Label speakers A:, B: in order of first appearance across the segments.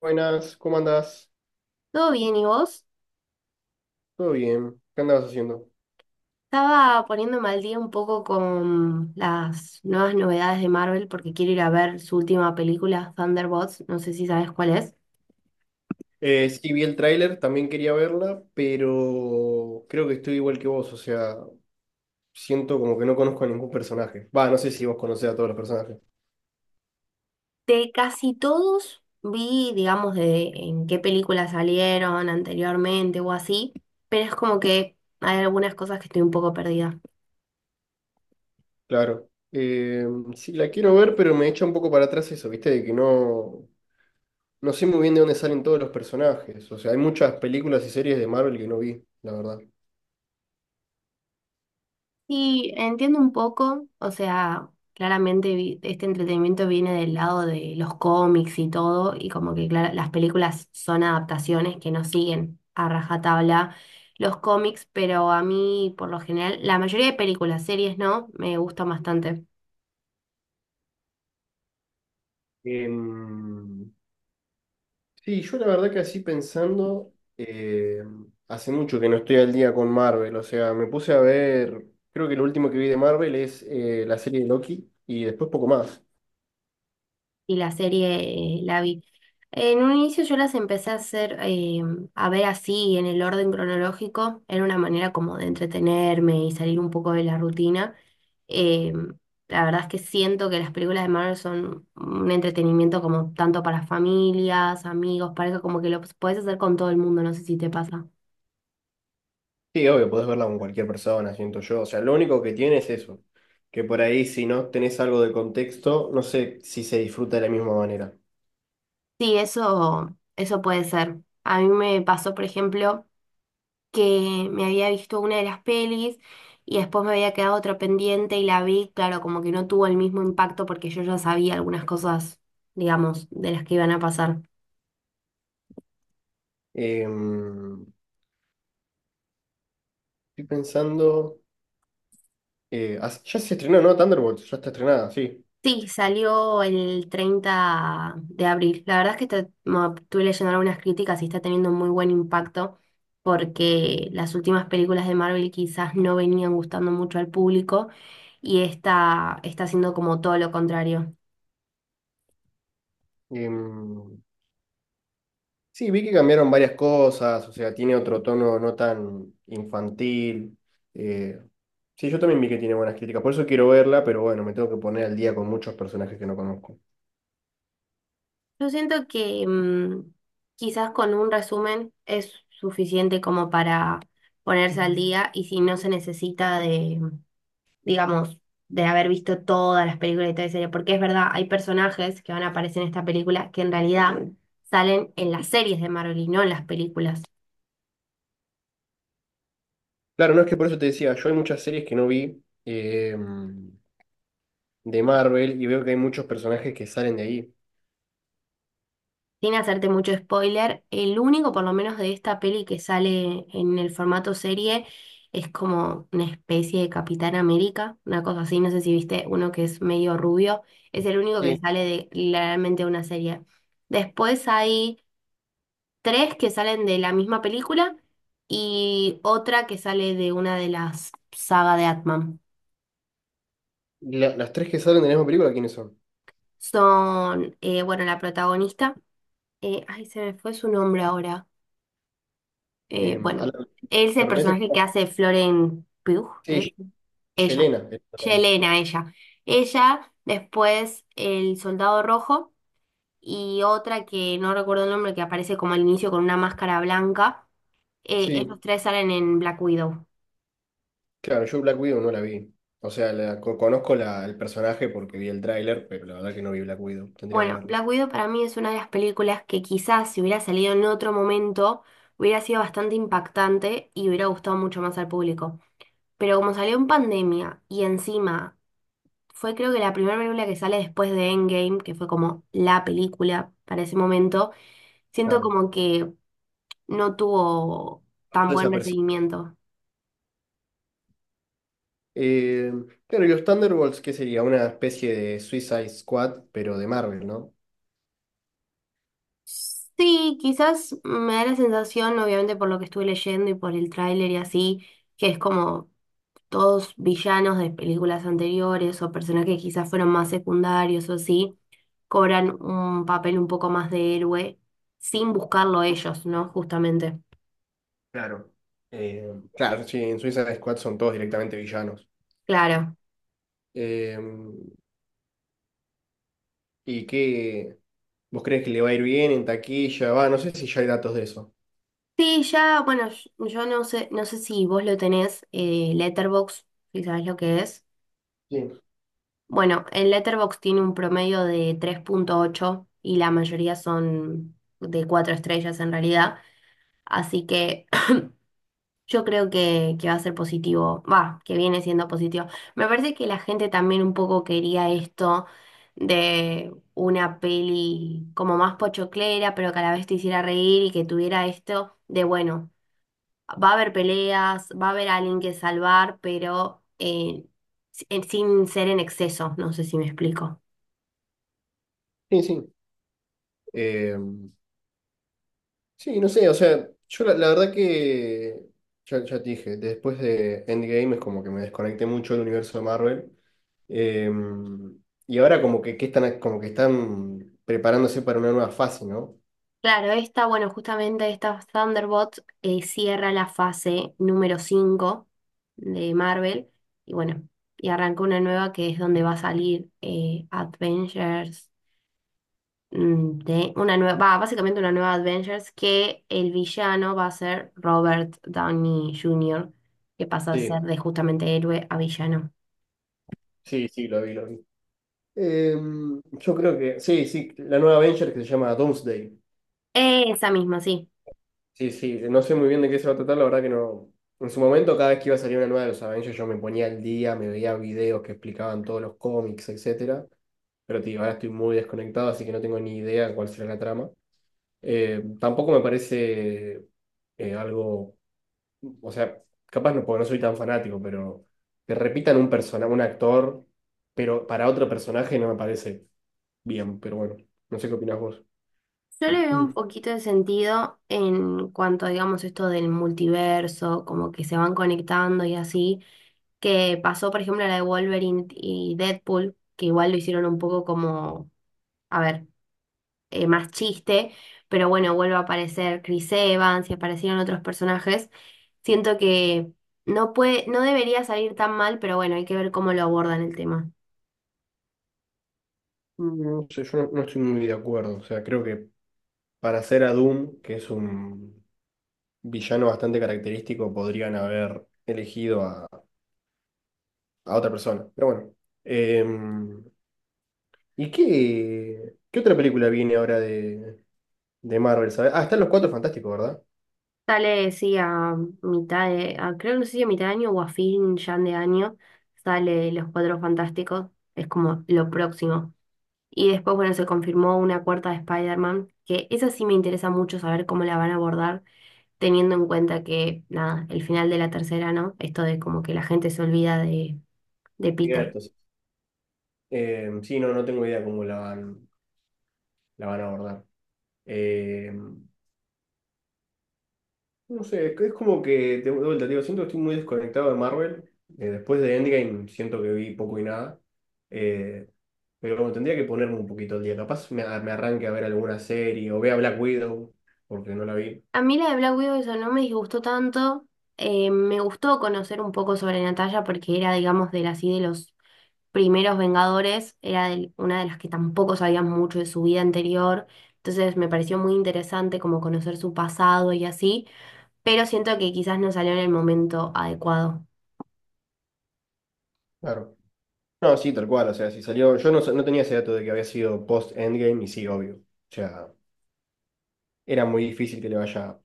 A: Buenas, ¿cómo andás?
B: Todo bien, ¿y vos?
A: Todo bien, ¿qué andabas haciendo?
B: Estaba poniéndome al día un poco con las nuevas novedades de Marvel porque quiero ir a ver su última película, Thunderbolts, no sé si sabes cuál es.
A: Sí, vi el tráiler, también quería verla, pero creo que estoy igual que vos, o sea, siento como que no conozco a ningún personaje. Va, no sé si vos conocés a todos los personajes.
B: De casi todos vi, digamos, de en qué películas salieron anteriormente o así, pero es como que hay algunas cosas que estoy un poco perdida.
A: Claro. Sí, la quiero ver, pero me echa un poco para atrás eso, ¿viste? De que no, no sé muy bien de dónde salen todos los personajes. O sea, hay muchas películas y series de Marvel que no vi, la verdad.
B: Sí, entiendo un poco, o sea, claramente este entretenimiento viene del lado de los cómics y todo, y como que las películas son adaptaciones que no siguen a rajatabla los cómics, pero a mí por lo general, la mayoría de películas, series no, me gustan bastante.
A: Em, Sí, yo la verdad que así pensando, hace mucho que no estoy al día con Marvel, o sea, me puse a ver, creo que lo último que vi de Marvel es la serie de Loki y después poco más.
B: Y la serie la vi. En un inicio yo las empecé a hacer, a ver así, en el orden cronológico, era una manera como de entretenerme y salir un poco de la rutina. Eh, la verdad es que siento que las películas de Marvel son un entretenimiento como tanto para familias, amigos, pareja, como que lo puedes hacer con todo el mundo, no sé si te pasa.
A: Sí, obvio, podés verla con cualquier persona, siento yo, o sea, lo único que tiene es eso, que por ahí si no tenés algo de contexto, no sé si se disfruta de la misma manera.
B: Sí, eso puede ser. A mí me pasó, por ejemplo, que me había visto una de las pelis y después me había quedado otra pendiente y la vi, claro, como que no tuvo el mismo impacto porque yo ya sabía algunas cosas, digamos, de las que iban a pasar.
A: Em, estoy pensando, ya se estrenó, ¿no? Thunderbolts, ya está estrenada, sí.
B: Sí, salió el 30 de abril. La verdad es que estuve leyendo algunas críticas y está teniendo muy buen impacto porque las últimas películas de Marvel quizás no venían gustando mucho al público y esta está haciendo como todo lo contrario.
A: Em, Sí, vi que cambiaron varias cosas, o sea, tiene otro tono no tan infantil. eh, sí, yo también vi que tiene buenas críticas, por eso quiero verla, pero bueno, me tengo que poner al día con muchos personajes que no conozco.
B: Yo siento que quizás con un resumen es suficiente como para ponerse al día y si no se necesita de, digamos, de haber visto todas las películas y toda la serie, porque es verdad, hay personajes que van a aparecer en esta película que en realidad salen en las series de Marvel y no en las películas.
A: Claro, no es que por eso te decía, yo hay muchas series que no vi de Marvel y veo que hay muchos personajes que salen de ahí.
B: Sin hacerte mucho spoiler, el único, por lo menos de esta peli que sale en el formato serie, es como una especie de Capitán América, una cosa así, no sé si viste uno que es medio rubio, es el único que
A: Sí,
B: sale de literalmente una serie. Después hay tres que salen de la misma película y otra que sale de una de las sagas de Atman.
A: las tres que salen de la misma película, ¿quiénes son?
B: Son, bueno, la protagonista, ay, se me fue su nombre ahora.
A: Eh, a la,
B: Bueno, él es
A: la
B: el personaje
A: protagonista,
B: que hace Florence Pugh, ¿es?
A: sí,
B: Ella,
A: Yelena es la protagonista.
B: Yelena, ella. Ella, después el soldado rojo y otra que no recuerdo el nombre, que aparece como al inicio con una máscara blanca. Esos
A: Sí.
B: tres salen en Black Widow.
A: Claro, yo Black Widow no la vi. O sea, conozco la, el personaje porque vi el tráiler, pero la verdad que no vi Black Widow. Tendría que
B: Bueno,
A: verlo.
B: Black Widow para mí es una de las películas que quizás si hubiera salido en otro momento hubiera sido bastante impactante y hubiera gustado mucho más al público. Pero como salió en pandemia y encima fue creo que la primera película que sale después de Endgame, que fue como la película para ese momento. Siento
A: Claro.
B: como que no tuvo
A: Pasó
B: tan buen
A: desapercibido.
B: recibimiento.
A: Eh, claro, y los Thunderbolts, ¿qué sería? Una especie de Suicide Squad, pero de Marvel, ¿no?
B: Sí, quizás me da la sensación, obviamente por lo que estuve leyendo y por el tráiler y así, que es como todos villanos de películas anteriores o personajes que quizás fueron más secundarios o así, cobran un papel un poco más de héroe sin buscarlo ellos, ¿no? Justamente.
A: Claro. Eh, claro, sí, en Suicide Squad son todos directamente villanos.
B: Claro.
A: Eh, ¿Y qué? ¿Vos crees que le va a ir bien en taquilla? Va, no sé si ya hay datos de eso.
B: Sí, ya, bueno, yo no sé, no sé si vos lo tenés, Letterboxd, si sabés lo que es.
A: Sí,
B: Bueno, en Letterboxd tiene un promedio de 3.8 y la mayoría son de 4 estrellas en realidad. Así que yo creo que va a ser positivo, va, que viene siendo positivo. Me parece que la gente también un poco quería esto de una peli como más pochoclera, pero que a la vez te hiciera reír y que tuviera esto de, bueno, va a haber peleas, va a haber alguien que salvar, pero sin ser en exceso, no sé si me explico.
A: sí, sí. Sí, no sé, o sea, yo la, la verdad que, ya, ya te dije, después de Endgame es como que me desconecté mucho del universo de Marvel. Eh, y ahora como que están, como que están preparándose para una nueva fase, ¿no?
B: Claro, esta, bueno, justamente esta Thunderbolt cierra la fase número 5 de Marvel y bueno, y arranca una nueva que es donde va a salir Avengers, de una nueva, va, básicamente una nueva Avengers que el villano va a ser Robert Downey Jr., que pasa a
A: Sí,
B: ser de justamente héroe a villano.
A: sí, sí, lo vi, lo vi. Eh, yo creo que, sí, sí, la nueva Avenger que se llama Doomsday.
B: Esa misma, sí.
A: Sí, sí, no sé muy bien de qué se va a tratar, la verdad que no. En su momento, cada vez que iba a salir una nueva de los Avengers, yo me ponía al día, me veía videos que explicaban todos los cómics, etcétera. Pero te digo, ahora estoy muy desconectado, así que no tengo ni idea de cuál será la trama. Tampoco me parece algo, o sea, capaz no, porque no soy tan fanático, pero que repitan un persona, un actor, pero para otro personaje no me parece bien, pero bueno, no sé qué opinás vos.
B: Yo le veo un poquito de sentido en cuanto, digamos, esto del multiverso, como que se van conectando y así, que pasó, por ejemplo, la de Wolverine y Deadpool, que igual lo hicieron un poco como, a ver, más chiste, pero bueno, vuelve a aparecer Chris Evans y aparecieron otros personajes. Siento que no puede, no debería salir tan mal, pero bueno, hay que ver cómo lo abordan el tema.
A: No sé, yo no, no estoy muy de acuerdo. O sea, creo que para hacer a Doom, que es un villano bastante característico, podrían haber elegido a otra persona. Pero bueno. Em, ¿Y qué, qué otra película viene ahora de Marvel? ¿Sabes? Ah, están los Cuatro Fantásticos, ¿verdad?
B: Sale, sí, a mitad de, creo que no sé si a mitad de año o a fin ya de año, sale Los Cuatro Fantásticos, es como lo próximo. Y después, bueno, se confirmó una cuarta de Spider-Man, que esa sí me interesa mucho saber cómo la van a abordar, teniendo en cuenta que, nada, el final de la tercera, ¿no? Esto de como que la gente se olvida de Peter.
A: Cierto, sí. Sí, no, no tengo idea cómo la van a abordar. Em, No sé, es como que, de vuelta, digo, siento que estoy muy desconectado de Marvel. Después de Endgame siento que vi poco y nada. Eh, pero como tendría que ponerme un poquito al día. Capaz me, me arranque a ver alguna serie o vea Black Widow, porque no la vi.
B: A mí la de Black Widow eso no me disgustó tanto, me gustó conocer un poco sobre Natalia porque era, digamos, de las, y de los primeros Vengadores era una de las que tampoco sabíamos mucho de su vida anterior, entonces me pareció muy interesante como conocer su pasado y así, pero siento que quizás no salió en el momento adecuado.
A: Claro. No, sí, tal cual. O sea, si salió. Yo no, no tenía ese dato de que había sido post-Endgame y sí, obvio. O sea, era muy difícil que le vaya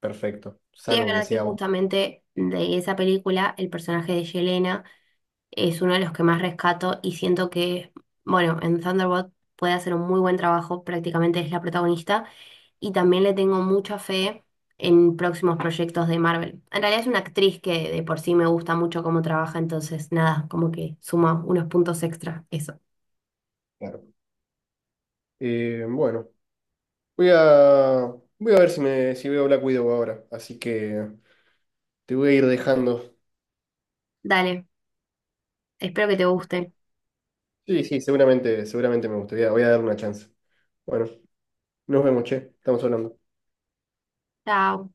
A: perfecto,
B: Sí es
A: salvo que
B: verdad que
A: sea un.
B: justamente de esa película el personaje de Yelena es uno de los que más rescato y siento que, bueno, en Thunderbolt puede hacer un muy buen trabajo, prácticamente es la protagonista. Y también le tengo mucha fe en próximos proyectos de Marvel. En realidad es una actriz que de por sí me gusta mucho cómo trabaja, entonces nada, como que suma unos puntos extra eso.
A: Claro. Bueno, voy a, voy a ver si, me, si veo Black Widow ahora. Así que. Te voy a ir dejando.
B: Dale, espero que te guste.
A: Sí, sí, seguramente, seguramente me gustaría. Voy a dar una chance. Bueno, nos vemos, che. Estamos hablando.
B: Chao.